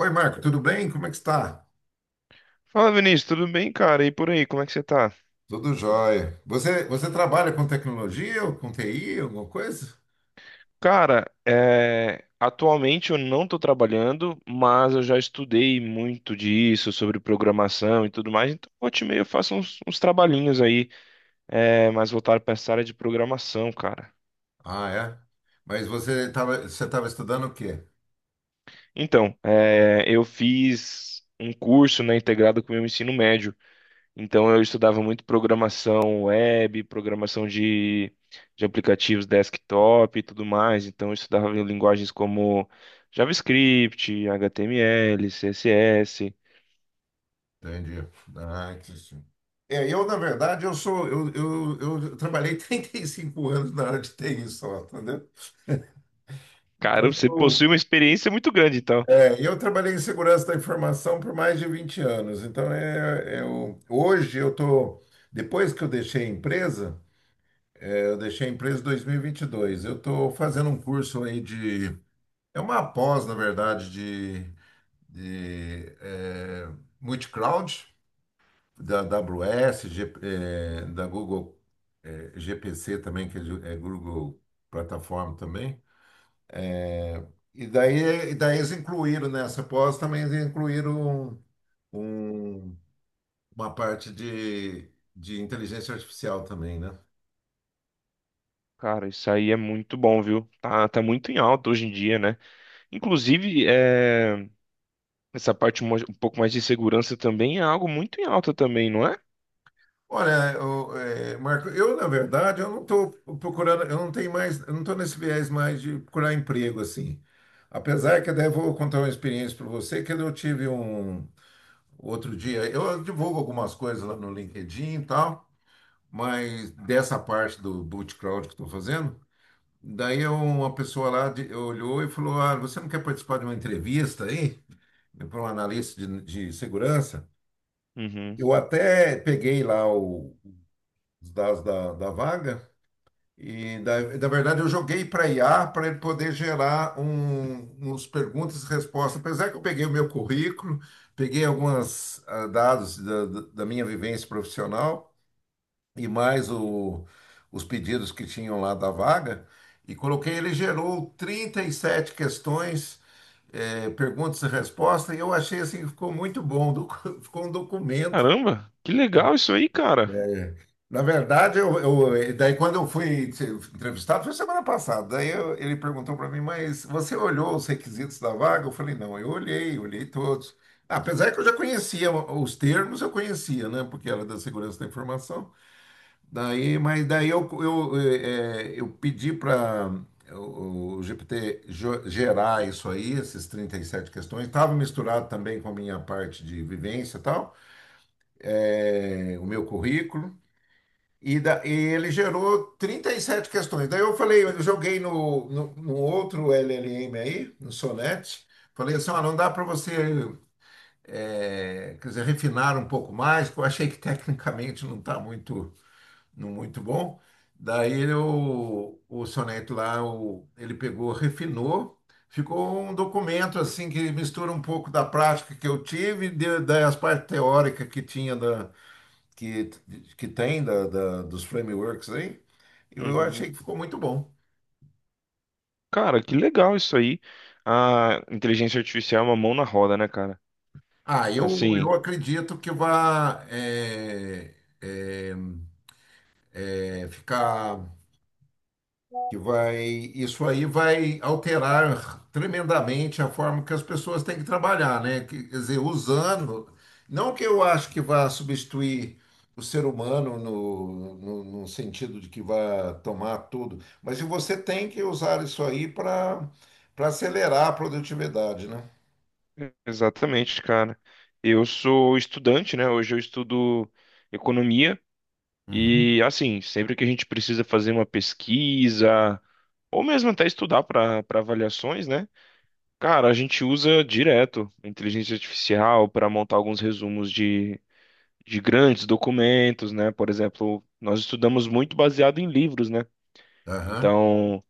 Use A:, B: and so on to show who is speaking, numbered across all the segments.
A: Oi, Marco, tudo bem? Como é que está?
B: Fala, Vinícius, tudo bem, cara? E por aí, como é que você tá?
A: Tudo jóia. Você trabalha com tecnologia ou com TI, alguma coisa?
B: Cara, atualmente eu não tô trabalhando, mas eu já estudei muito disso, sobre programação e tudo mais, então volta e meia eu faço uns trabalhinhos aí, mais voltado para essa área de programação, cara.
A: Ah, é? Mas você estava estudando o quê?
B: Então, eu fiz um curso, né, integrado com o meu ensino médio. Então eu estudava muito programação web, programação de aplicativos desktop e tudo mais. Então eu estudava linguagens como JavaScript, HTML, CSS.
A: Entendi. Ah, que sim. É, eu, na verdade, eu sou, eu trabalhei 35 anos na área de TI só, entendeu?
B: Cara, você
A: Eu,
B: possui uma experiência muito grande, então.
A: eu trabalhei em segurança da informação por mais de 20 anos. Então, eu, hoje eu tô, depois que eu deixei a empresa, eu deixei a empresa em 2022. Eu estou fazendo um curso aí de. É uma pós, na verdade, de multicloud, da AWS, da Google, GPC também, que é Google Plataforma também. É, E daí eles incluíram nessa pós também, eles incluíram um- uma parte de inteligência artificial também, né?
B: Cara, isso aí é muito bom, viu? Tá muito em alta hoje em dia, né? Inclusive, essa parte um pouco mais de segurança também é algo muito em alta também, não é?
A: Olha, Marco, eu na verdade eu não estou procurando, eu não tenho mais, eu não estou nesse viés mais de procurar emprego assim. Apesar que daí eu vou contar uma experiência para você, que eu tive um outro dia, eu divulgo algumas coisas lá no LinkedIn e tal, mas dessa parte do boot crowd que estou fazendo, uma pessoa lá olhou e falou: Ah, você não quer participar de uma entrevista aí? Para um analista de segurança?
B: Uhum.
A: Eu até peguei lá o os dados da vaga e da, na verdade eu joguei para IA para ele poder gerar uns perguntas e respostas. Apesar que eu peguei o meu currículo, peguei alguns dados da minha vivência profissional e mais os pedidos que tinham lá da vaga, e coloquei, ele gerou 37 questões, perguntas e respostas, e eu achei assim, que ficou muito bom, ficou um documento.
B: Caramba, que legal isso aí, cara.
A: Na verdade, daí quando eu fui ser entrevistado, foi semana passada, ele perguntou para mim, mas você olhou os requisitos da vaga? Eu falei, não, eu olhei, olhei todos. Apesar que eu já conhecia os termos, eu conhecia, né? Porque era da segurança da informação. Daí eu pedi para o GPT gerar isso aí, esses 37 questões. Estava misturado também com a minha parte de vivência e tal, o meu currículo. E ele gerou 37 questões. Daí eu falei, eu joguei no outro LLM aí, no Sonnet, falei assim, ah não dá para você, quer dizer, refinar um pouco mais, que eu achei que tecnicamente não está muito, não muito bom. O Sonnet lá, ele pegou, refinou, ficou um documento assim que mistura um pouco da prática que eu tive, das partes teóricas que tinha que, que tem da dos frameworks aí, eu
B: Uhum.
A: achei que ficou muito bom.
B: Cara, que legal isso aí. A inteligência artificial é uma mão na roda, né, cara?
A: Ah,
B: Assim,
A: eu
B: sim.
A: acredito que vai ficar. que vai, isso aí vai alterar tremendamente a forma que as pessoas têm que trabalhar, né? Quer dizer, usando, não que eu acho que vá substituir o ser humano no sentido de que vá tomar tudo, mas você tem que usar isso aí para acelerar a produtividade, né?
B: Exatamente, cara. Eu sou estudante, né? Hoje eu estudo economia
A: Uhum.
B: e, assim, sempre que a gente precisa fazer uma pesquisa ou mesmo até estudar para avaliações, né? Cara, a gente usa direto a inteligência artificial para montar alguns resumos de grandes documentos, né? Por exemplo, nós estudamos muito baseado em livros, né?
A: Aham.
B: Então.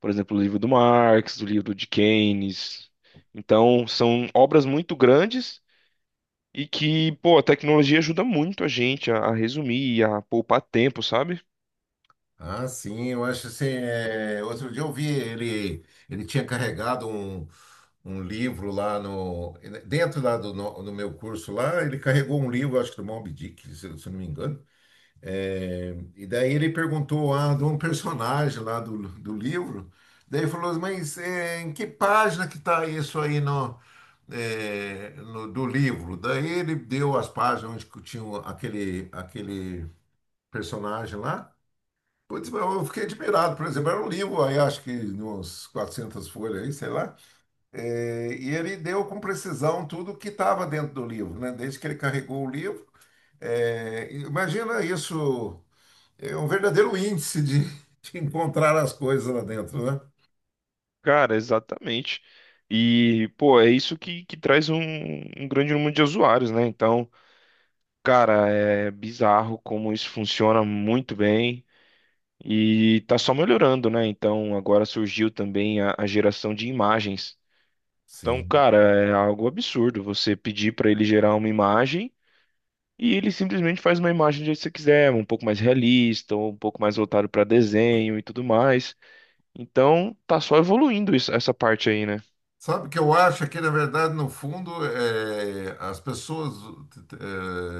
B: Por exemplo, o livro do Marx, o livro de Keynes. Então, são obras muito grandes e que, pô, a tecnologia ajuda muito a gente a resumir, a poupar tempo, sabe?
A: Ah, sim, eu acho assim. Outro dia eu vi ele, ele tinha carregado um, um livro lá no. Dentro lá do no, no meu curso lá, ele carregou um livro, acho que do Moby Dick, se eu não me engano. É, e daí ele perguntou ah, de um personagem lá do livro. Daí ele falou, em que página que está isso aí do livro? Daí ele deu as páginas onde que tinha aquele personagem lá. Putz, mas eu fiquei admirado, por exemplo, era um livro aí, acho que de uns 400 folhas aí, sei lá, é, e ele deu com precisão tudo que estava dentro do livro, né? Desde que ele carregou o livro. É, imagina isso, é um verdadeiro índice de, de encontrar as coisas lá dentro, né?
B: Cara, exatamente. E, pô, é isso que traz um, um grande número de usuários, né? Então, cara, é bizarro como isso funciona muito bem e tá só melhorando, né? Então, agora surgiu também a geração de imagens. Então,
A: Sim.
B: cara, é algo absurdo você pedir para ele gerar uma imagem e ele simplesmente faz uma imagem do jeito que você quiser, um pouco mais realista, ou um pouco mais voltado para desenho e tudo mais. Então, tá só evoluindo essa parte aí, né?
A: Sabe o que eu acho é que, na verdade, no fundo, as pessoas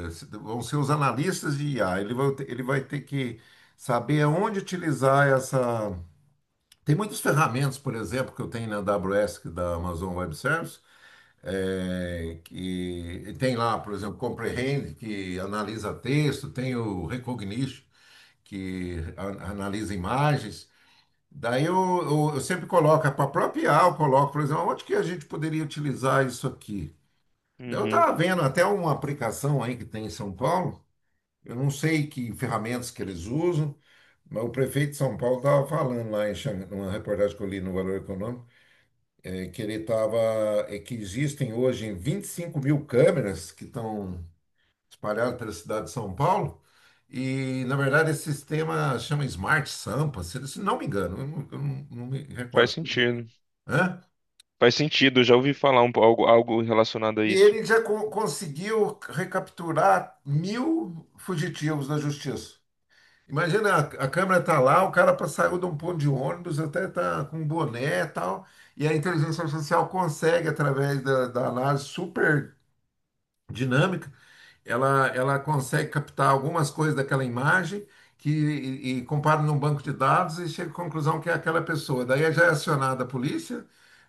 A: vão ser os analistas de IA. Ele vai ter que saber aonde utilizar essa. Tem muitas ferramentas, por exemplo, que eu tenho na AWS, que é da Amazon Web Services, que tem lá, por exemplo, Comprehend, que analisa texto, tem o Recognition, que analisa imagens. Daí eu, eu sempre coloco, para a eu coloco, por exemplo, onde que a gente poderia utilizar isso aqui? Daí eu
B: Uhum.
A: estava vendo até uma aplicação aí que tem em São Paulo, eu não sei que ferramentas que eles usam, mas o prefeito de São Paulo estava falando lá em Xangai, numa reportagem que eu li no Valor Econômico, é que ele estava, é que existem hoje 25 mil câmeras que estão espalhadas pela cidade de São Paulo. E, na verdade, esse sistema chama Smart Sampa, se não me engano, eu não- não me
B: Faz
A: recordo.
B: sentido.
A: Hã?
B: Faz sentido, eu já ouvi falar um, algo, algo relacionado a
A: E
B: isso.
A: ele já conseguiu recapturar 1.000 fugitivos da justiça. Imagina, a, a câmera tá lá, o cara saiu de um ponto de ônibus, até tá com um boné e tal, e a inteligência artificial consegue, através da análise super dinâmica, ela consegue captar algumas coisas daquela imagem e compara num banco de dados e chega à conclusão que é aquela pessoa. Daí já é acionada a polícia,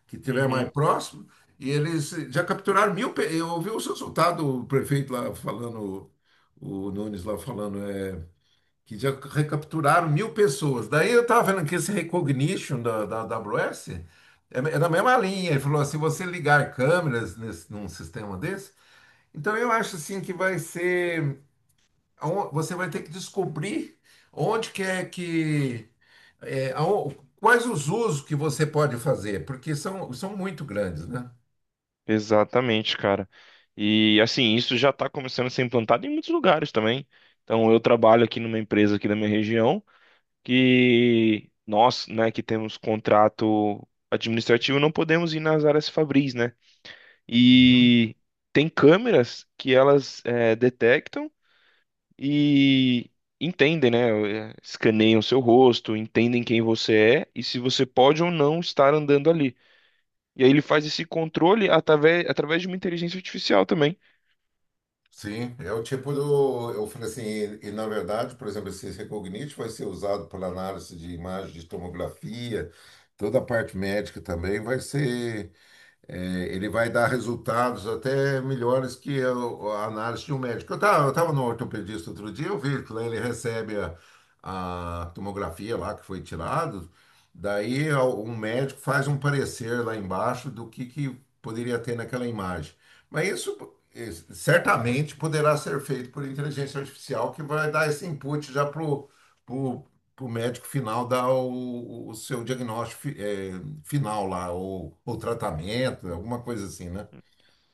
A: que estiver mais
B: Uhum.
A: próximo, e eles já capturaram 1.000. Eu ouvi o resultado o prefeito lá falando, o Nunes lá falando, é, que já recapturaram 1.000 pessoas. Daí eu estava vendo que esse recognition da AWS é da mesma linha. Ele falou assim: você ligar câmeras num sistema desse. Então eu acho assim que vai ser, você vai ter que descobrir onde que, é, aon- quais os usos que você pode fazer, porque são muito grandes, né?
B: Exatamente, cara. E assim, isso já está começando a ser implantado em muitos lugares também. Então, eu trabalho aqui numa empresa aqui da minha região, que nós, né, que temos contrato administrativo, não podemos ir nas áreas fabris, né?
A: Uhum.
B: E tem câmeras que elas detectam e entendem, né? Escaneiam seu rosto, entendem quem você é e se você pode ou não estar andando ali. E aí ele faz esse controle através de uma inteligência artificial também.
A: Sim, é o tipo do. Eu falei assim, na verdade, por exemplo, esse Recognite vai ser usado para análise de imagem de tomografia, toda a parte médica também vai ser. É, ele vai dar resultados até melhores que a análise de um médico. Eu tava no ortopedista outro dia, eu vi que lá ele recebe a tomografia lá que foi tirada, um médico faz um parecer lá embaixo que poderia ter naquela imagem. Mas isso certamente poderá ser feito por inteligência artificial que vai dar esse input já para o médico final dar o seu diagnóstico final lá, ou tratamento, alguma coisa assim, né?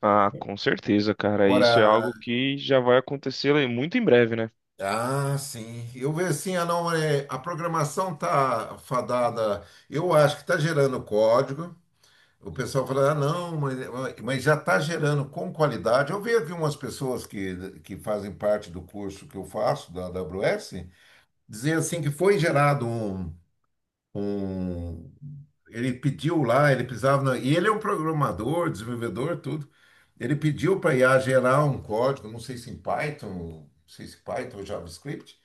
B: Ah, com certeza, cara. Isso é
A: Agora,
B: algo que já vai acontecer, né, muito em breve, né?
A: ah, sim. Eu vejo assim, ah, não, é, a programação tá fadada. Eu acho que tá gerando código. O pessoal fala, ah, não, mas já tá gerando com qualidade. Eu vejo aqui umas pessoas que fazem parte do curso que eu faço, da AWS, dizer assim que foi gerado um- ele pediu lá, ele precisava, e ele é um programador, desenvolvedor, tudo. Ele pediu para IA gerar um código, não sei se em Python, não sei se Python ou JavaScript.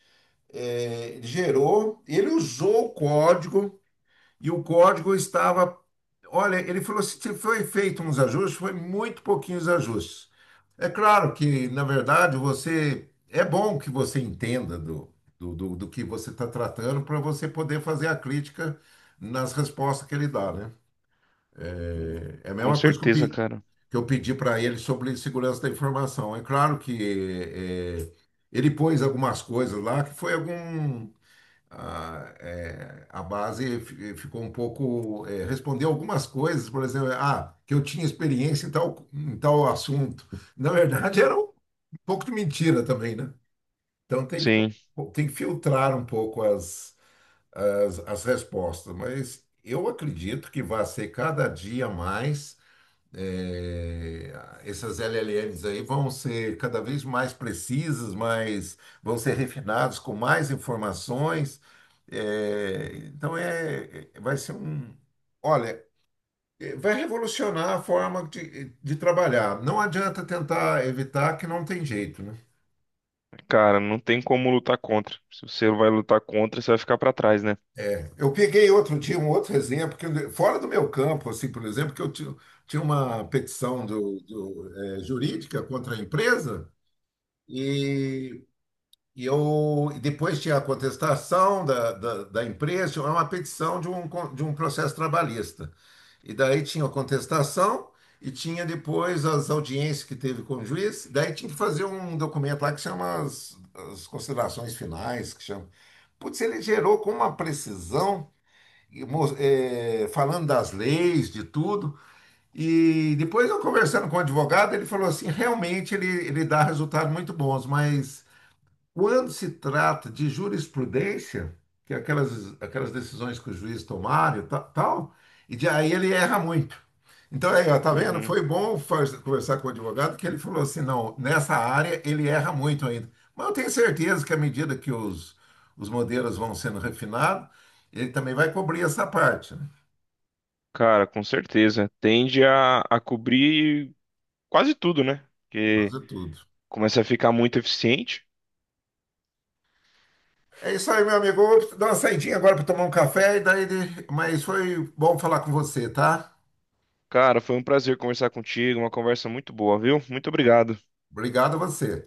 A: É, ele gerou, ele usou o código e o código estava. Olha, ele falou assim: se foi feito uns ajustes, foi muito pouquinhos ajustes. É claro que, na verdade, você. É bom que você entenda do que você está tratando para você poder fazer a crítica nas respostas que ele dá, né?
B: Hum.
A: É é a
B: Com
A: mesma coisa que eu
B: certeza,
A: pe-
B: cara.
A: que eu pedi para ele sobre segurança da informação. É claro que ele pôs algumas coisas lá que foi algum, a base ficou um pouco, é, respondeu algumas coisas, por exemplo, ah, que eu tinha experiência em tal assunto. Na verdade, era um pouco de mentira também, né? Então
B: Sim.
A: tem que filtrar um pouco as respostas, mas eu acredito que vai ser cada dia mais. É, essas LLMs aí vão ser cada vez mais precisas, vão ser refinados com mais informações. É, então vai ser um, olha, é, vai revolucionar a forma de trabalhar. Não adianta tentar evitar que não tem jeito, né?
B: Cara, não tem como lutar contra. Se você vai lutar contra, você vai ficar pra trás, né?
A: Eu peguei outro dia um outro exemplo que fora do meu campo, assim, por exemplo, tinha uma petição jurídica contra a empresa. e E eu, e depois tinha a contestação da empresa, tinha uma petição de um, de um processo trabalhista. E daí tinha a contestação e tinha depois as audiências que teve com o juiz. Daí tinha que fazer um documento lá que chama as considerações finais, que chama. Putz, ele gerou com uma precisão, falando das leis, de tudo. E depois eu conversando com o advogado, ele falou assim, realmente ele dá resultados muito bons, mas... Quando se trata de jurisprudência, que é aquelas decisões que os juízes tomar e tal, aí ele erra muito. Então, aí, ó, tá vendo?
B: Uhum.
A: Foi bom conversar com o advogado que ele falou assim, não, nessa área ele erra muito ainda. Mas eu tenho certeza que à medida que os modelos vão sendo refinados, ele também vai cobrir essa parte, né?
B: Cara, com certeza. Tende a cobrir quase tudo, né? Porque
A: Fazer tudo.
B: começa a ficar muito eficiente.
A: É isso aí, meu amigo. Eu vou dar uma saidinha agora para tomar um café, e daí... mas foi bom falar com você, tá?
B: Cara, foi um prazer conversar contigo, uma conversa muito boa, viu? Muito obrigado.
A: Obrigado a você.